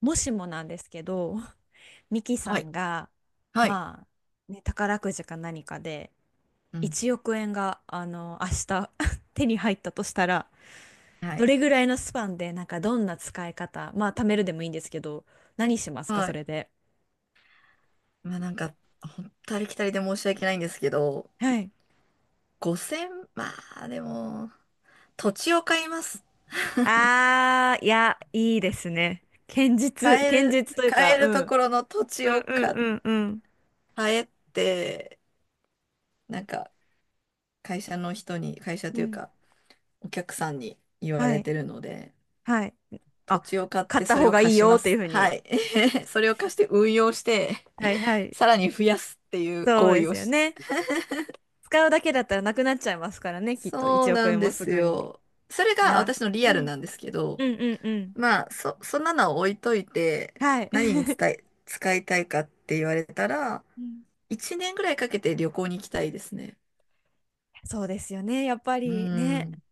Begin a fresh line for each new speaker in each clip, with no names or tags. もしもなんですけど、ミキさ
はい。
んが、
はい。
まあ、ね、宝くじか何かで、
うん。
1億円が、明日 手に入ったとしたら、
は
ど
い。
れぐらいのスパンで、なんかどんな使い方、まあ、貯めるでもいいんですけど、何しますか、
は
そ
い。
れで。
まあなんか、ほんとありきたりで申し訳ないんですけど、
はい。
5000、まあでも、土地を買います。
あー、いや、いいですね。
買え
堅
る、
実という
買
か、
え
う
ると
ん。
ころの土地
うん
を
うん
買っ、
うんうん。
買えって、なんか、会社の人に、会社
う
という
ん。
か、お客さんに言わ
は
れ
い。
てるので、
はい。
土
あ、
地を買っ
買っ
て
た
それ
方
を
がい
貸
い
し
よ
ま
っていう
す。
ふう
は
に。
い。それを貸して運用して、
はいはい。
さらに増やすっていう
そう
行
で
為
す
を
よ
し。
ね。使うだけだったらなくなっちゃいますからね、きっと
そう
1
な
億
ん
円も
で
す
す
ぐに。
よ。それ
い
が
や、
私のリア
う
ル
ん、
なんですけ
う
ど、
んうんうん。
まあ、そんなのを置いといて、
はい。
何に 使いたいかって言われたら、
うん、
1年ぐらいかけて旅行に行きたいですね。
そうですよね。やっぱ
う
りね、
ん。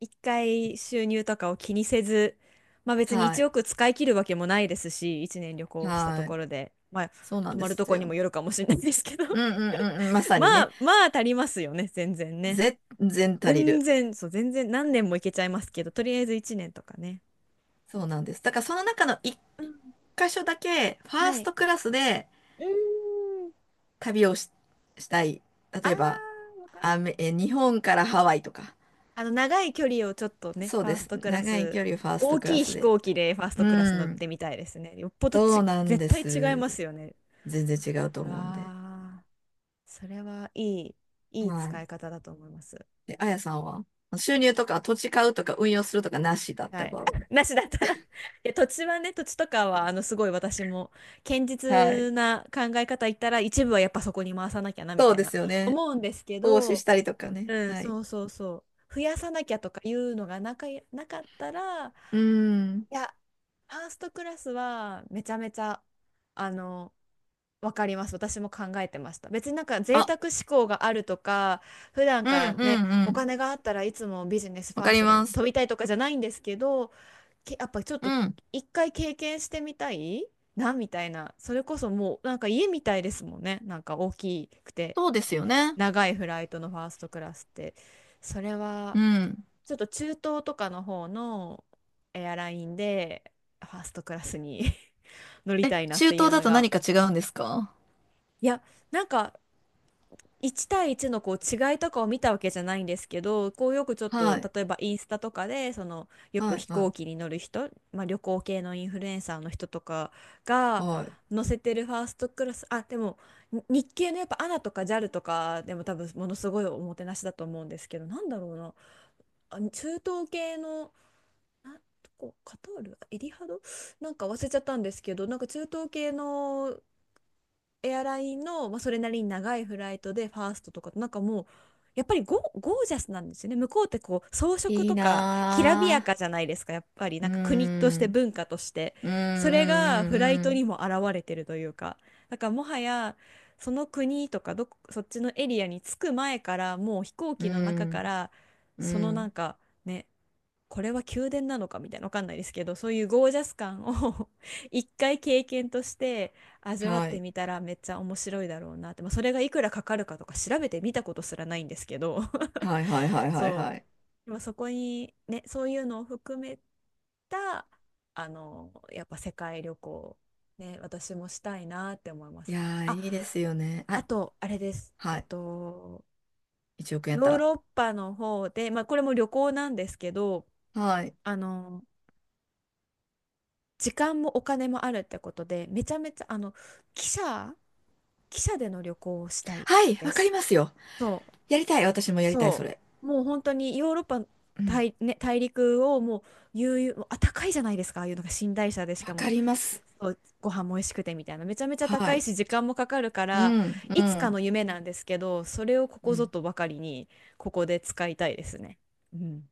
一回収入とかを気にせず、まあ別に
は
1
い。
億使い切るわけもないですし、1年旅行したと
はい。
ころで、まあ
そうなん
泊
で
まると
す
こにも
よ。
よるかもしれないですけど、
うんうんうんうん。ま さ
ま
にね。
あまあ足りますよね、全然ね。
全然足り
全
る。
然、そう、全然何年もいけちゃいますけど、とりあえず1年とかね。
そうなんです。だからその中の一
うん。
箇所だけ、ファ
は
ース
い。
トクラスで
うーん、
旅をし、したい。
あ
例えば、
ー、わかる。
アメ、え、日本からハワイとか。
長い距離をちょっとね、
そう
ファ
で
ース
す。
トクラ
長い
ス、
距離ファース
大
トクラ
きい
ス
飛
で。
行機でファース
う
トクラス乗っ
ん。
てみたいですね。よっぽど
そ
ち、
うなん
絶
で
対違い
す。
ますよね。
全然違うと思うんで。
ああ、それはいい、いい
は
使
い。
い方だと思います。
で、あやさんは収入とか土地買うとか運用するとかなしだっ
は
た
い。
場合。
なしだったら、 いや、土地はね、土地とかは、すごい私も、堅
はい。
実な考え方言ったら、一部はやっぱそこに回さなきゃな、み
そ
た
う
い
で
な、
すよね。
思うんですけ
投資し
ど、
たりとかね。
うん、
はい。
そうそうそう。増やさなきゃとかいうのがなかったら、
うん。
いや、ファーストクラスはめちゃめちゃ、あの、わかります。私も考えてました。別になんか贅
あ、
沢志向があるとか、普段
う
か
ん
ら
う
ね、
んう
お
ん。
金があったらいつもビジネスフ
わ
ァ
か
ース
り
トで
ま
飛
す。
びたいとかじゃないんですけど、やっぱちょっ
う
と
ん。
一回経験してみたいな、みたいな。それこそもうなんか家みたいですもんね。なんか大きくて
そうですよね。
長いフライトのファーストクラスって。それは
うん。
ちょっと中東とかの方のエアラインでファーストクラスに 乗り
え、
たいなっ
中
てい
東
う
だ
の
と
が。
何か違うんですか？
いや、なんか1対1のこう違いとかを見たわけじゃないんですけど、こうよくちょっ
は
と
い。
例えばインスタとかで、そのよく
はい。
飛
は
行機に乗る人、まあ、旅行系のインフルエンサーの人とか
い。
が
はい。
乗せてるファーストクラス、あ、でもに日系のやっぱ ANA とか JAL とかでも多分ものすごいおもてなしだと思うんですけど、なんだろうな、あ、中東系の。あ、どこ、カタール、エリハド、なんか忘れちゃったんですけど、なんか中東系のエアラインの、まあ、それなりに長いフライトでファーストとか、なんかもうやっぱりゴージャスなんですよね、向こうって。こう装飾
いい
とかきらびや
な
かじゃないですか、やっぱり。
ぁ。
な
う
んか国として
ん。
文化として、
うん
それがフライ
う
トに
ん
も現れてるというか、だからもはやその国とか、どこそっちのエリアに着く前からもう飛行
う
機の中か
ん
ら、
うんうん
そ
う
のなん
ん。
かね、これは宮殿なのかみたいな、わかんないですけど、そういうゴージャス感を、 一回経験として味わっ
は
て
い
みたらめっちゃ面白いだろうなって。まあ、それがいくらかかるかとか調べてみたことすらないんですけど、
はいはいは いはい
そ
はい。
う、まあそこにね、そういうのを含めた、やっぱ世界旅行ね、私もしたいなって思いま
い
す。
やー
あ、
いいですよね。は
あ
い。
とあれです。
はい。1億円や
ヨ
った
ー
ら。
ロッパの方で、まあ、これも旅行なんですけど、
はい
あの時間もお金もあるってことで、めちゃめちゃ、汽車、での旅行をしたい
はい、
で
わかり
す。
ますよ。
そう、
やりたい、私もやりたいそ
そ
れ。
う。もう本当にヨーロッパ
うん。
ね、大陸をもう悠々、もうあ、高いじゃないですか、ああいうのが、寝台車でし
わ
かも、
かります。
そう、ご飯も美味しくてみたいな。めちゃめちゃ
は
高い
い。
し、時間もかかるか
う
ら、
んう
いつかの
ん
夢なんですけど、それをここ
う
ぞ
ん。
とばかりに、ここで使いたいですね。うん。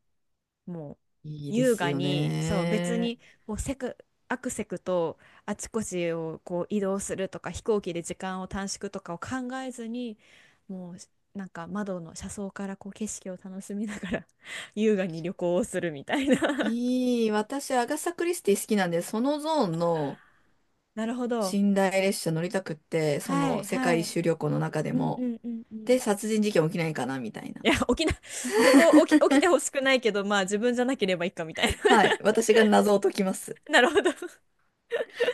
もう
いいで
優
す
雅
よ
に、そう、別
ね。
にこうせくアクセクとあちこちをこう移動するとか、飛行機で時間を短縮とかを考えずに、もうなんか窓の車窓からこう景色を楽しみながら、 優雅に旅行をするみたいな。
いい、私アガサ・クリスティ好きなんで、そのゾーンの
なるほど。
寝台列車乗りたくって、そ
は
の
い
世
は
界一
い。
周旅行の中で
うんう
も
んうんう
で
ん。
殺人事件起きないかなみたいな。
いや、起きな、そこ起きてほしくないけど、まあ自分じゃなければいいかみたいな。
はい。私が謎を解きます。
なるほど。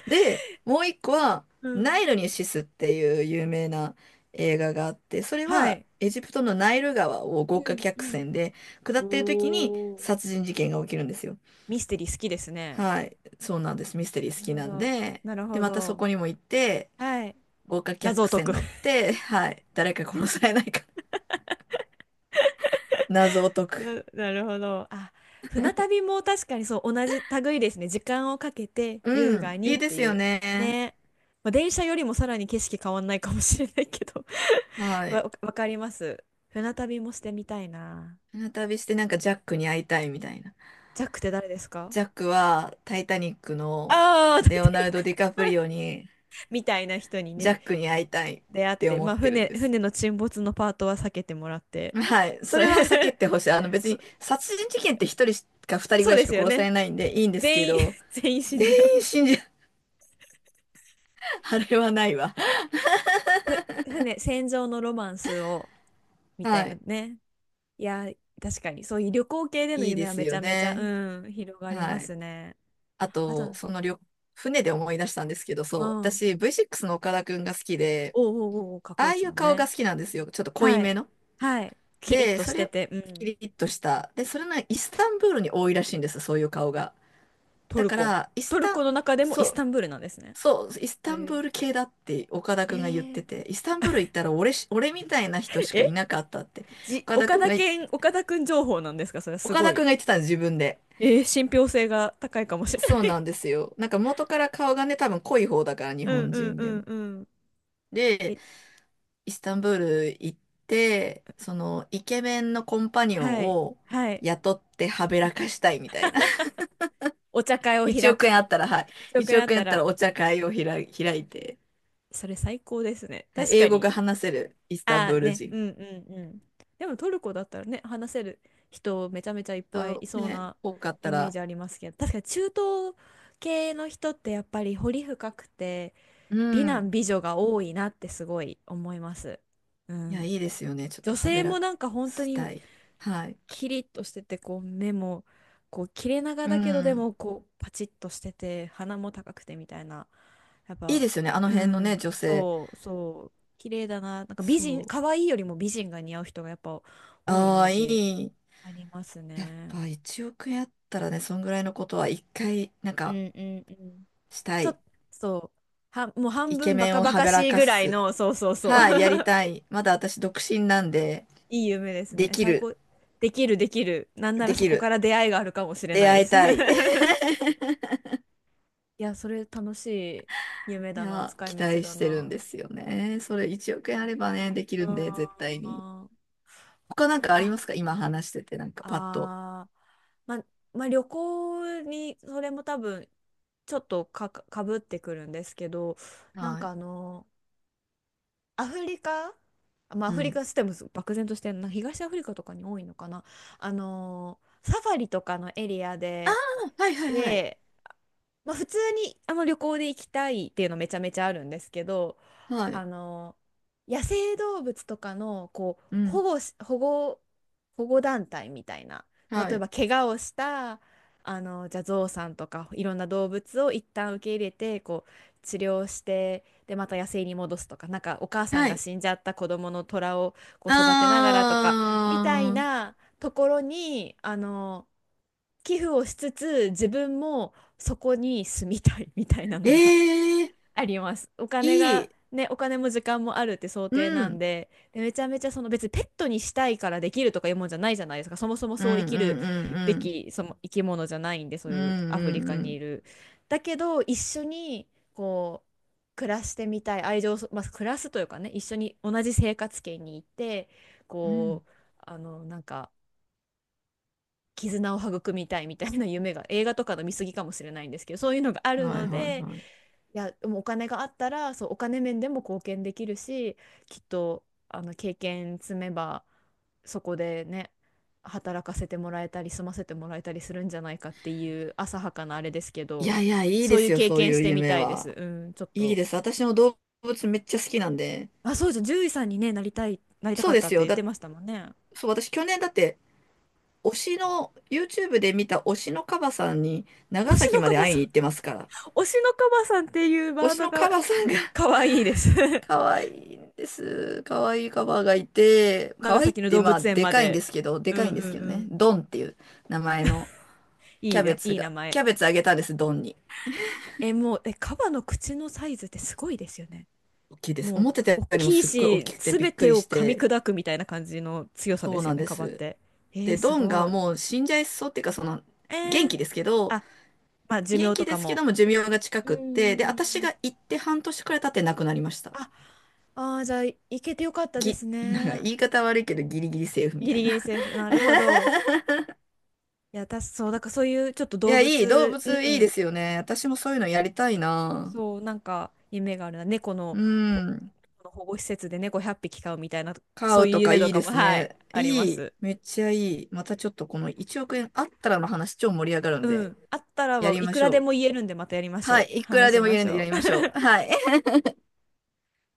で、もう一個は、
う
ナ
ん。
イルにシスっていう有名な映画があって、それ
は
は
い。
エジプトのナイル川を
う
豪華
ん
客
うん。
船で下
お
ってる時に
お。
殺人事件が起きるんですよ。
ミステリー好きですね。
はい。そうなんです。ミステリー好
なる
き
ほ
なん
ど。
で。
なる
で、
ほ
またそ
ど。
こにも行って、
はい。
豪華
謎
客
を解
船
く。
乗って、はい。誰か殺されないか 謎を解 く。
なるほど。あ、船旅も確かにそう、同じ類ですね。時間をかけて優
う
雅
ん。
に
いい
っ
で
て
す
い
よ
う。
ね。
ね。まあ、電車よりもさらに景色変わんないかもしれないけど、
は い。
わかります。船旅もしてみたいな。
船旅してなんかジャックに会いたいみたいな。
ジャックって誰ですか？
ジャックはタイタニックの
ああー、タイ
レオ
タ
ナ
ニ
ル
ック。
ド・ディカプリオに。
みたいな人に
ジャ
ね、
ックに会いたいっ
出会っ
て
て、
思
ま
っ
あ
てるん
船、
です。
船の沈没のパートは避けてもらって、
はい。そ
そう、
れは避けてほしい。あの 別
そ、
に殺人事件って一人しか二人ぐ
そう
らい
で
し
す
か
よ
殺さ
ね。
れないんでいいんですけ
全員
ど、
全員死ん
全
じゃう。
員死んじゃう。あれはないわ。
船戦場のロマンスをみたい
は
な
い。
ね。いや、確かにそういう旅行系での
いいで
夢は
す
めち
よ
ゃめちゃ
ね。
広がりま
はい。
すね。
あ
あと、う
と、
ん、
その旅、船で思い出したんですけど、
お
そう。
う
私 V6 の岡田くんが好きで、
おうおうおう、かっこ
あ
いい
あ
で
い
す
う
もん
顔が
ね。
好きなんですよ。ちょっと濃い
はい
めの。
はい、キリッ
で、
と
そ
し
れ
て
を
て、う
キ
ん。
リッとした。で、それがイスタンブールに多いらしいんです、そういう顔が。
ト
だ
ル
か
コ。
ら、イス
トル
タン、
コの中でもイ
そ
ス
う、
タンブールなんですね。
そう、イスタンブ
へえ。
ール系だって岡田
へ
くんが言って
え。
て、イスタンブール行ったら俺みたいな人しかい
え、
なかったって、岡田くんが、
岡田くん情報なんですか？それはす
岡
ご
田く
い。
んが言ってたんです、自分で。
信憑性が高いかもしれな
そう
い。
なんですよ。なんか元から顔がね、多分濃い方だから、日
うん
本
うん
人
う
で
ん
も。
うん。
で、
え
イスタンブール行って、その、イケメンのコンパニオン
はい
を
はい。
雇ってはべらかしたいみたいな。
お茶会を
1
開
億円あ
く。
ったら、は
一
い。
億
1
円あっ
億円
た
あった
ら、
らお茶会を開い、開いて、
それ最高ですね。
はい、
確
英
か
語が
に。
話せるイスタン
ああ
ブール
ね、う
人
んうんうん。でもトルコだったらね、話せる人めちゃめちゃいっぱいい
と
そう
ね、
な
多かった
イメー
ら、
ジありますけど、確かに中東系の人ってやっぱり彫り深くて、
う
美男
ん。
美女が多いなってすごい思います。う
いや、
ん。
いいですよね。ちょっと
女
はべ
性
ら
も
か
なんか本当
し
に
たい。はい。
キリッとしてて、こう目も、こう切れ長
う
だけど、で
ん。
もこうパチッとしてて、鼻も高くてみたいな。やっ
いい
ぱ、
ですよね。あの
う
辺のね、
ん、
女性。
そうそう、綺麗だな。なんか美人、
そ
可愛いよりも美人が似合う人がやっぱ
う。
多いイ
あ
メー
あ、い
ジ
い。
あります
やっ
ね。
ぱ1億円あったらね、そんぐらいのことは一回、なん
うん
か、
うんうん。
した
ちょっ
い。
と、そう、もう半
イケ
分バ
メン
カ
を
バ
は
カ
べら
しい
か
ぐらい
す。
の、そうそうそう、
はい、や りたい。まだ私独身なんで、
いい夢です
で
ね。
き
最
る。
高。できるできる。なんな
で
らそ
き
こか
る。
ら出会いがあるかもしれ
出
ないで
会い
す。
たい。
いや、それ楽しい夢
い
だな、
や、
使
期
い道
待
だ
してるん
な。
ですよね。それ1億円あればね、でき
う
るんで、絶対に。
ー
他
国
なん
内、
かありま
あ、
すか、今話してて、なんかパッと。
あー、ま、まあ、旅行に、それも多分、ちょっとか、かぶってくるんですけど、なん
は
か
い。
アフリカ、まあ、ア
う
フリ
ん。
カステム漠然としてるな、東アフリカとかに多いのかな。サファリとかのエリア
あ
で、
あ、はいはいはい。
で、まあ、普通に旅行で行きたいっていうのめちゃめちゃあるんですけど、
は
あ
い。
の野生動物とかのこう
う
保
ん。
護し、保護、保護団体みたいな、例
は
え
い。
ば怪我をした、じゃあゾウさんとかいろんな動物を一旦受け入れて、こう治療して、でまた野生に戻すとか、なんかお母さん
は
が
い。
死んじゃった子供の虎をこう育てながらとか、みたい
あー。
なところに寄付をしつつ、自分もそこに住みたいみたいなのが
ええ、
あります。お金
い
が、
い。
ね、お金も時間もあるって想
う
定なん
ん。
で、で、めちゃめちゃ、その別にペットにしたいからできるとかいうもんじゃないじゃないですか。そもそも
うん
そう生
う
きる
ん
べ
うん
き、その生き物じゃないんで、そう
うん。
いうアフ
う
リ
ん
カ
う
にい
ん
る。だけど、一緒にこう暮らしてみたい、愛情をまあ、暮らすというかね、一緒に同じ生活圏に行って、
うん。
こう、なんか、絆を育みたいみたいな夢が、映画とかの見過ぎかもしれないんですけど、そういうのがあ
うん。
る
はい
の
はい
で、
は
いや、でもお金があったら、そう、お金面でも貢献できるし、きっと、経験積めば、そこでね、働かせてもらえたり、住ませてもらえたりするんじゃないかっていう浅はかなあれですけ
い。い
ど、
やいや、いい
そ
で
うい
す
う
よ、
経
そう
験
い
し
う
てみ
夢
たいです。
は。
うん、ちょっ
いい
と。
です。私も動物めっちゃ好きなんで。
あ、そうじゃん、獣医さんにね、なりたい、なりた
そ
か
う
っ
で
た
す
って
よ。
言ってましたもんね。
そう、私去年だって、推しの、YouTube で見た推しのカバさんに
推
長
し
崎
の
ま
カ
で
バ
会い
さ
に
ん、
行ってますから。
推しのカバさんっていう
推
ワー
し
ド
のカ
が
バさんが
可愛いです。
可愛いんです。可愛いカバがいて、可
長
愛いっ
崎の
て
動
まあ、
物園
で
ま
かいんで
で。
すけど、で
う
か
んう
い
ん
んで
う
すけどね。
ん。
ドンっていう名前の
い
キ
い
ャ
な、
ベツ
いい名
が、キ
前。
ャベツあげたんです、ドンに。
え、もう、え、カバの口のサイズってすごいですよね。
大きいです。思
も
ってたよ
う、大
りも
きい
すっごい大
し、
きくて
す
びっ
べ
く
て
り
を
し
噛み
て、
砕くみたいな感じの強さ
そ
で
う
す
な
よ
ん
ね、
で
カバっ
す。
て。え
で、
ー、す
ドンが
ごい。
もう死んじゃいそうっていうか、その、
え
元
ー、
気ですけど、
あ、まあ、寿
元
命
気
と
で
か
すけ
も。
ども寿命が近
うー
くって、で、私
ん。
が行って半年くらい経って亡くなりました。
あ、あー、じゃあ、いけてよかったで
ぎ、
す
なんか
ね。
言い方悪いけどギリギリセーフみ
ギ
た
リ
い
ギ
な。
リ セーフ。なるほど。いや、私、そう、だからそういうちょっと
い
動
や、いい、動
物、う
物いいで
ん、
すよね。私もそういうのやりたいな。
そう、なんか、夢があるな。猫の、
う
ほ、
ん。
保護施設で猫100匹飼うみたいな、
飼
そう
う
いう
とか
夢と
いい
か
で
も、
す
はい、
ね。
ありま
いい、
す。
めっちゃいい。またちょっとこの1億円あったらの話超盛り上がるん
う
で、
ん。あったら
や
は
り
い
ま
く
し
ら
ょ
で
う。
も言えるんで、またやりまし
は
ょ
い、
う。
いくら
話
で
し
も言え
ま
るん
し
でや
ょ
りま
う。
しょう。はい。